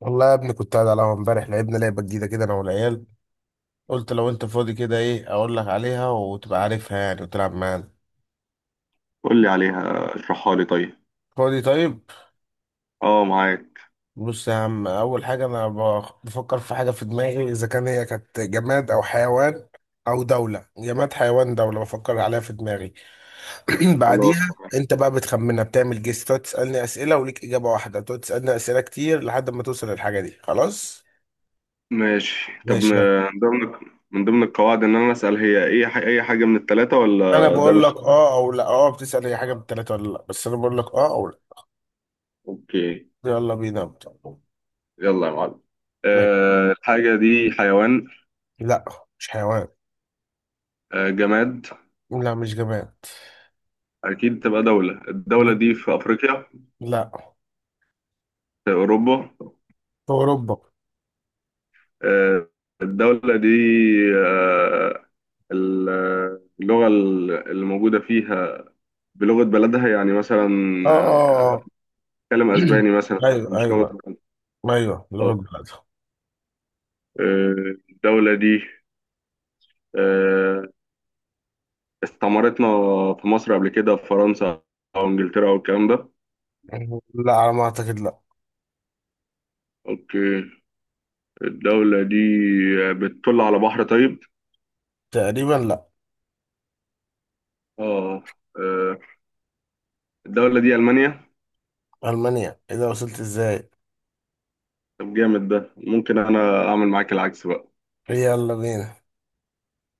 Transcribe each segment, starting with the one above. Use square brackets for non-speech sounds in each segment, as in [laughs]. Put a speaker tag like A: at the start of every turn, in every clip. A: والله يا ابني، كنت قاعد على القهوة امبارح. لعبنا لعبة جديدة كده أنا والعيال. قلت لو أنت فاضي كده، إيه أقول لك عليها وتبقى عارفها يعني وتلعب معانا.
B: قول لي عليها، اشرحها لي طيب.
A: فاضي؟ طيب،
B: اه، معاك.
A: بص يا عم. أول حاجة أنا بفكر في حاجة في دماغي، إذا كان هي كانت جماد أو حيوان أو دولة. جماد، حيوان، دولة، بفكر عليها في دماغي. [clears throat]
B: خلاص،
A: بعديها
B: تمام،
A: أنت بقى بتخمنها، بتعمل جيس، تقعد تسألني أسئلة وليك إجابة واحدة، تقعد تسألني أسئلة كتير لحد ما توصل للحاجة دي، خلاص.
B: ماشي. طب،
A: ماشي يلا.
B: من ضمن من ضمن القواعد ان انا اسال، هي اي حاجه من الثلاثه،
A: انا
B: ولا ده
A: بقول
B: مش
A: لك
B: سؤال؟
A: اه او لا. اه، بتسال اي حاجه من الثلاثه ولا لا، بس انا بقول لك اه او لا.
B: اوكي.
A: يلا بينا أبدأ.
B: يلا يا معلم.
A: ماشي.
B: الحاجه دي حيوان؟
A: لا، مش حيوان.
B: جماد؟
A: لا، مش جماد.
B: اكيد تبقى دوله. الدوله دي
A: دولة.
B: في افريقيا؟
A: لا.
B: في اوروبا؟
A: في أوروبا.
B: أه الدوله دي أه ال- اللغه اللي موجوده فيها، بلغه بلدها يعني مثلا؟
A: اه اه اه.
B: بيتكلم اسباني
A: [clears throat]
B: مثلا،
A: أيوه
B: مش لغه
A: أيوه.
B: بلد؟
A: أيوه،
B: اه.
A: لغة بلادها.
B: الدوله دي آه، استعمرتنا في مصر قبل كده، في فرنسا او انجلترا او الكلام ده؟
A: لا، على ما أعتقد لا.
B: اوكي. الدوله دي بتطل على بحر؟ طيب.
A: تقريبا لا.
B: اه. آه، الدوله دي المانيا؟
A: ألمانيا؟ إيه ده، وصلت إزاي؟
B: طب جامد ده. ممكن انا اعمل معاك العكس بقى؟
A: يلا بينا.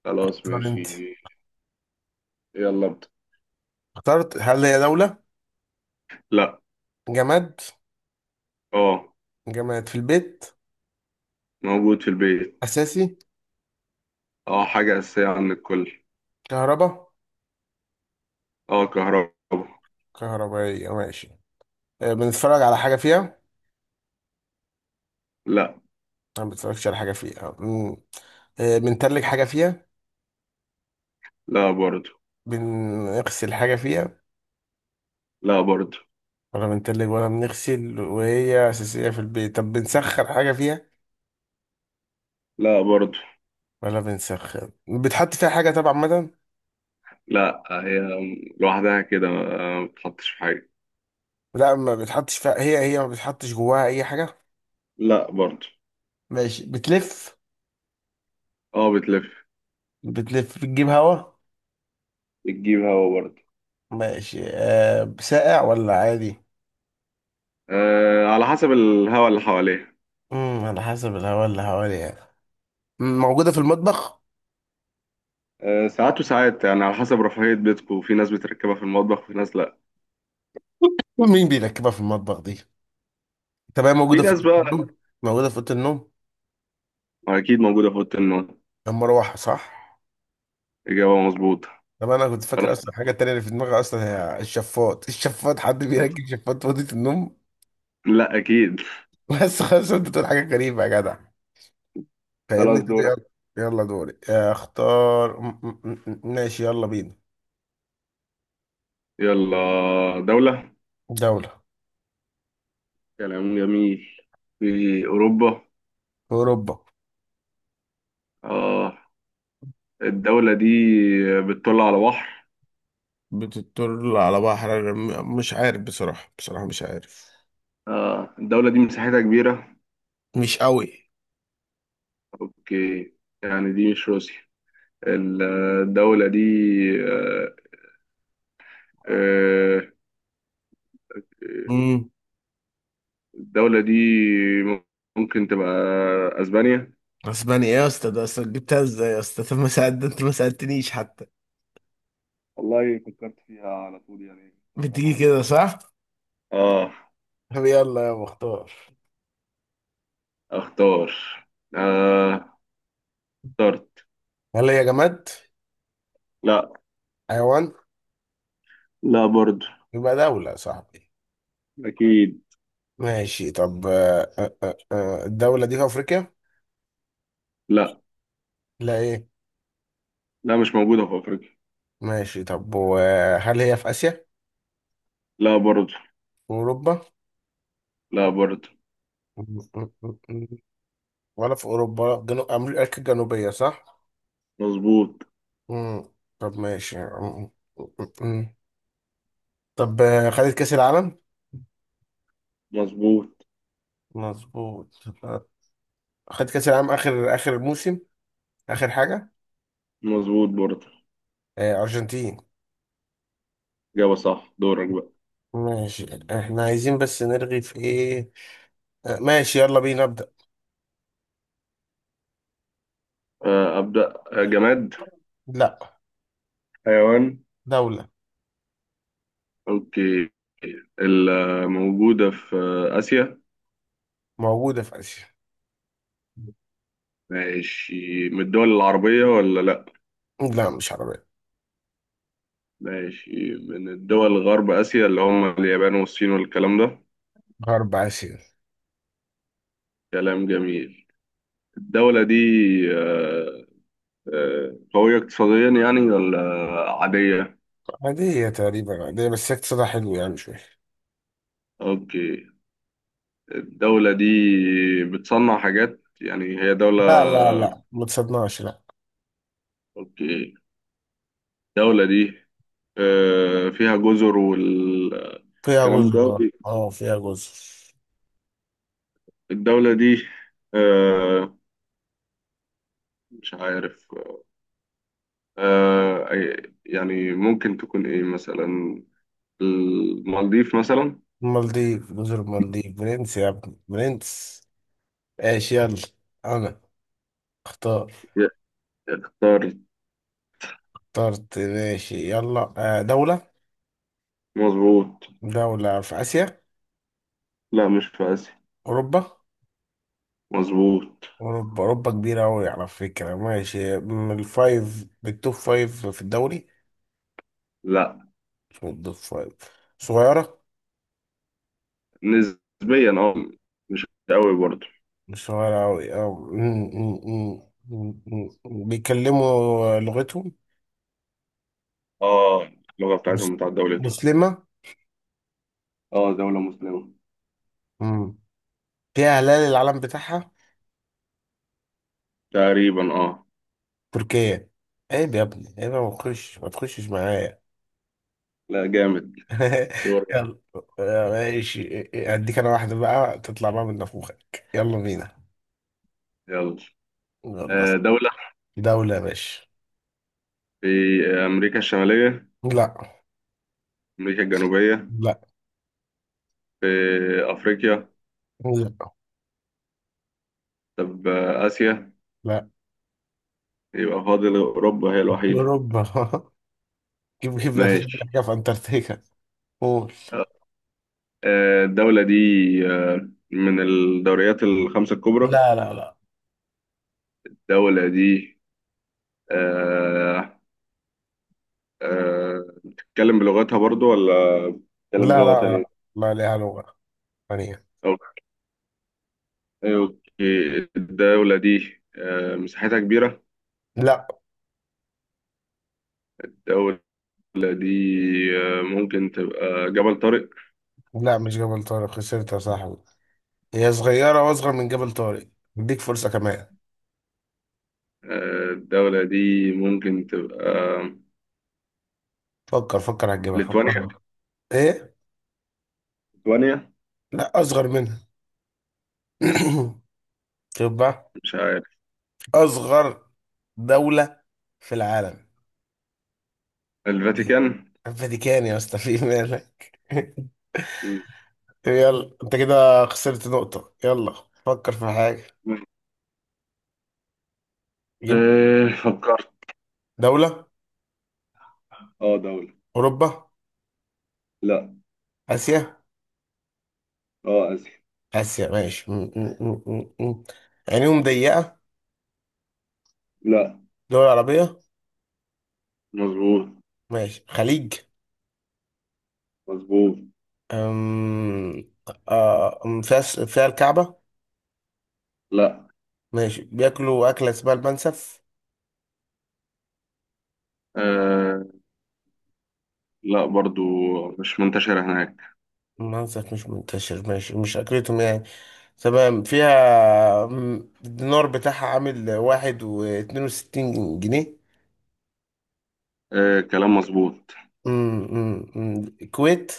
B: خلاص،
A: اختار
B: ماشي.
A: أنت.
B: يلا، ابدا.
A: اخترت. هل هي دولة؟
B: لا.
A: جماد؟
B: اه.
A: جماد في البيت؟
B: موجود في البيت.
A: أساسي؟
B: اه، حاجه اساسيه عند الكل.
A: كهرباء؟
B: اه، كهرباء.
A: كهربائية، ماشي. آه، بنتفرج على حاجة فيها؟
B: لا.
A: ما بنتفرجش على حاجة فيها. آه، بنتلج حاجة فيها؟
B: لا برضه.
A: بنغسل حاجة فيها؟
B: لا برضه.
A: ولا بنتلج ولا بنغسل وهي أساسية في البيت. طب بنسخن حاجة فيها؟
B: لا برضه.
A: ولا بنسخن. بتحط فيها حاجة طبعا مدام.
B: لا، هي لوحدها كده ما بتحطش في حاجة.
A: لا، ما بتحطش فيها. هي ما بتحطش جواها أي حاجة.
B: لا برضه.
A: ماشي، بتلف.
B: اه، بتلف.
A: بتلف، بتجيب هوا.
B: بتجيب هوا برضه.
A: ماشي، أه، ساقع ولا عادي؟
B: على حسب الهوا اللي حواليها.
A: على حسب الهوا اللي حوالي يعني. موجودة في المطبخ؟
B: ساعات وساعات يعني، على حسب رفاهية بيتكم. في ناس بتركبها في المطبخ وفي ناس لا.
A: مين بيركبها في المطبخ دي؟ طب هي
B: في
A: موجودة في
B: ناس
A: أوضة
B: بقى.
A: النوم؟ موجودة في أوضة النوم.
B: أكيد موجودة في أوضة النوم.
A: المروحة، صح؟
B: إجابة مظبوطة.
A: طب انا كنت
B: خلاص.
A: فاكر اصلا الحاجه التانيه اللي في دماغي اصلا هي الشفاط. [laughs] الشفاط! حد بيركب شفاط في اوضه النوم؟
B: لا، أكيد.
A: [laughs] بس خلاص، انت بتقول حاجه غريبه يا جدع. فاهمني؟
B: خلاص،
A: طب
B: دورك.
A: يلا. يلا دوري. اختار ماشي، يلا بينا.
B: يلا. دولة.
A: دوله
B: كلام جميل. في أوروبا؟
A: في اوروبا.
B: آه. الدولة دي بتطل على بحر؟
A: بتطل على بحر؟ مش عارف، بصراحة بصراحة مش عارف.
B: الدولة دي مساحتها كبيرة؟
A: مش قوي.
B: اوكي. يعني دي مش روسيا، الدولة دي؟ آه، آه،
A: امم
B: الدولة دي ممكن تبقى اسبانيا؟
A: اسبانيا؟ ايه يا اسطى، ده اصلا جبتها ازاي يا اسطى؟ طب ما ساعد، انت ما ساعدتنيش حتى.
B: والله، فكرت فيها على طول يعني، كنت اضربها
A: بتيجي
B: كده.
A: كده صح؟
B: اه.
A: طب يلا يا مختار.
B: اختار. آه، اخترت.
A: هل هي جماد؟
B: لا.
A: حيوان؟
B: لا برضو.
A: يبقى دولة يا صاحبي.
B: اكيد.
A: ماشي. طب آه، آه، آه، آه، الدولة دي في أفريقيا؟
B: لا.
A: لا إيه؟
B: لا، مش موجودة في افريقيا.
A: ماشي. طب وهل هي في آسيا؟ في
B: لا برضو.
A: أوروبا؟
B: لا برضو.
A: م- م- م- م. ولا في أوروبا؟ ولا في جنوب أمريكا الجنوبية، صح؟
B: مظبوط.
A: مم. طب ماشي م- م- م. طب آه، خدت كأس العالم؟
B: مظبوط.
A: مظبوط. آه، خدت كأس العالم آخر آخر موسم، آخر حاجة؟
B: مظبوط برضو.
A: آه، أرجنتين.
B: اجابة صح. دورك بقى.
A: ماشي. احنا عايزين بس نرغي في إيه؟ آه، ماشي يلا بينا نبدأ.
B: ابدأ. جماد؟
A: لا.
B: حيوان؟
A: دولة.
B: اوكي. الموجودة في آسيا؟
A: موجودة في آسيا.
B: ماشي. من الدول العربية ولا لأ؟
A: لا، مش عربية.
B: ماشي. من الدول غرب آسيا اللي هم اليابان والصين والكلام ده؟
A: غرب آسيا.
B: كلام جميل. الدولة دي آه، قوية اقتصاديا يعني، ولا عادية؟
A: عادية، تقريبا عادية، بس هي اقتصادها حلو يعني مش وحش.
B: أوكي. الدولة دي بتصنع حاجات، يعني هي دولة؟
A: لا لا لا، ما تصدقناش لا.
B: أوكي. الدولة دي فيها جزر والكلام
A: فيها جزر،
B: ده؟
A: اه آه، فيها جزر.
B: الدولة دي آه مش عارف. يعني ممكن تكون إيه مثلا، المالديف مثلا؟
A: المالديف؟ جزر المالديف، برنس يا ابني، برنس. ايش يلا. انا اختار.
B: ي- اخترت.
A: اخترت. ماشي يلا. آه، دولة.
B: مظبوط.
A: دولة في آسيا؟
B: لا، مش في آسيا.
A: أوروبا.
B: مظبوط.
A: أوروبا، أوروبا كبيرة أوي على فكرة. ماشي، من الفايف بالتوب فايف في الدوري؟
B: لا.
A: مش من التوب فايف. صغيرة.
B: نسبيا، اه. مش قوي برضه.
A: شوارعوي اه. أمم، أمم، أمم، أمم، أمم. بيتكلموا لغتهم.
B: اه، اللغة
A: مس-
B: بتاعتهم بتاعت دولتهم.
A: مسلمة.
B: اه، دولة مسلمة.
A: أمم. فيها هلال العلم بتاعها.
B: تقريبا، اه.
A: تركيا؟ عيب يا ابني عيب يا، ما تخش ما تخشش معايا.
B: لا، جامد. دور.
A: [laughs] يلا. يا ماشي، اديك انا واحدة بقى تطلع بقى من نافوخك. يلا بينا.
B: يلا.
A: يلا.
B: دولة.
A: دولة يا باشا.
B: في أمريكا الشمالية؟
A: لا.
B: أمريكا الجنوبية؟
A: لا.
B: في أفريقيا؟
A: لا.
B: طب، آسيا؟
A: لا.
B: يبقى فاضل أوروبا هي الوحيدة.
A: اوروبا. [laughs] جيب جيب، ده مفيش
B: ماشي.
A: حاجة في انتاركتيكا. قول.
B: الدولة دي من الدوريات الخمسة الكبرى؟
A: لا لا لا.
B: الدولة دي آه، بتتكلم بلغتها برضو، ولا بتتكلم
A: لا.
B: بلغة
A: لا لا.
B: تانية؟
A: ما لها لغة ثانية.
B: أوكي أوكي. الدولة دي مساحتها كبيرة؟
A: لا.
B: الدولة دي ممكن تبقى جبل طارق؟
A: لا، مش جبل طارق. خسرت يا صاحبي. هي صغيرة وأصغر من جبل طارق. اديك فرصة كمان.
B: الدولة دي ممكن تبقى
A: فكر فكر، هتجيبها. فكر.
B: ليتوانيا؟
A: إيه؟
B: ليتوانيا؟
A: لا، أصغر منها. [coughs] [clears throat] شوف بقى.
B: مش عارف.
A: أصغر دولة في العالم.
B: الفاتيكان؟
A: الفاتيكان يا اسطى، في مالك؟ [laughs] طب يلا، أنت كده خسرت نقطة. يلا، فكر في حاجة. جيب.
B: إيه، فكرت.
A: دولة.
B: اه، دولة.
A: أوروبا؟
B: لا.
A: آسيا؟
B: اه، آسيا.
A: آسيا، ماشي م- م- م- م- م. عينيهم ضيقة؟
B: لا.
A: دول عربية.
B: مظبوط.
A: ماشي، خليج.
B: مظبوط.
A: أم... آه، فيها فيها الكعبة؟
B: لا.
A: ماشي، بياكلوا أكلة اسمها المنسف؟
B: آه. لا برضو، مش منتشرة هناك.
A: المنسف مش منتشر، ماشي مش أكلتهم يعني. تمام، فيها الدينار بتاعها عامل واحد واتنين وستين جنيه.
B: آه، كلام مظبوط.
A: أم، أم، أم. الكويت؟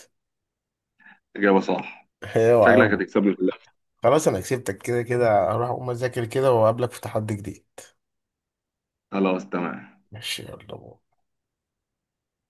B: إجابة صح.
A: هي
B: شكلك
A: وعلى.
B: هتكسبني في اللعبة.
A: خلاص أنا كسبتك كده كده، هروح أقوم أذاكر كده وأقابلك في تحدي جديد.
B: خلاص، تمام.
A: ماشي يلا.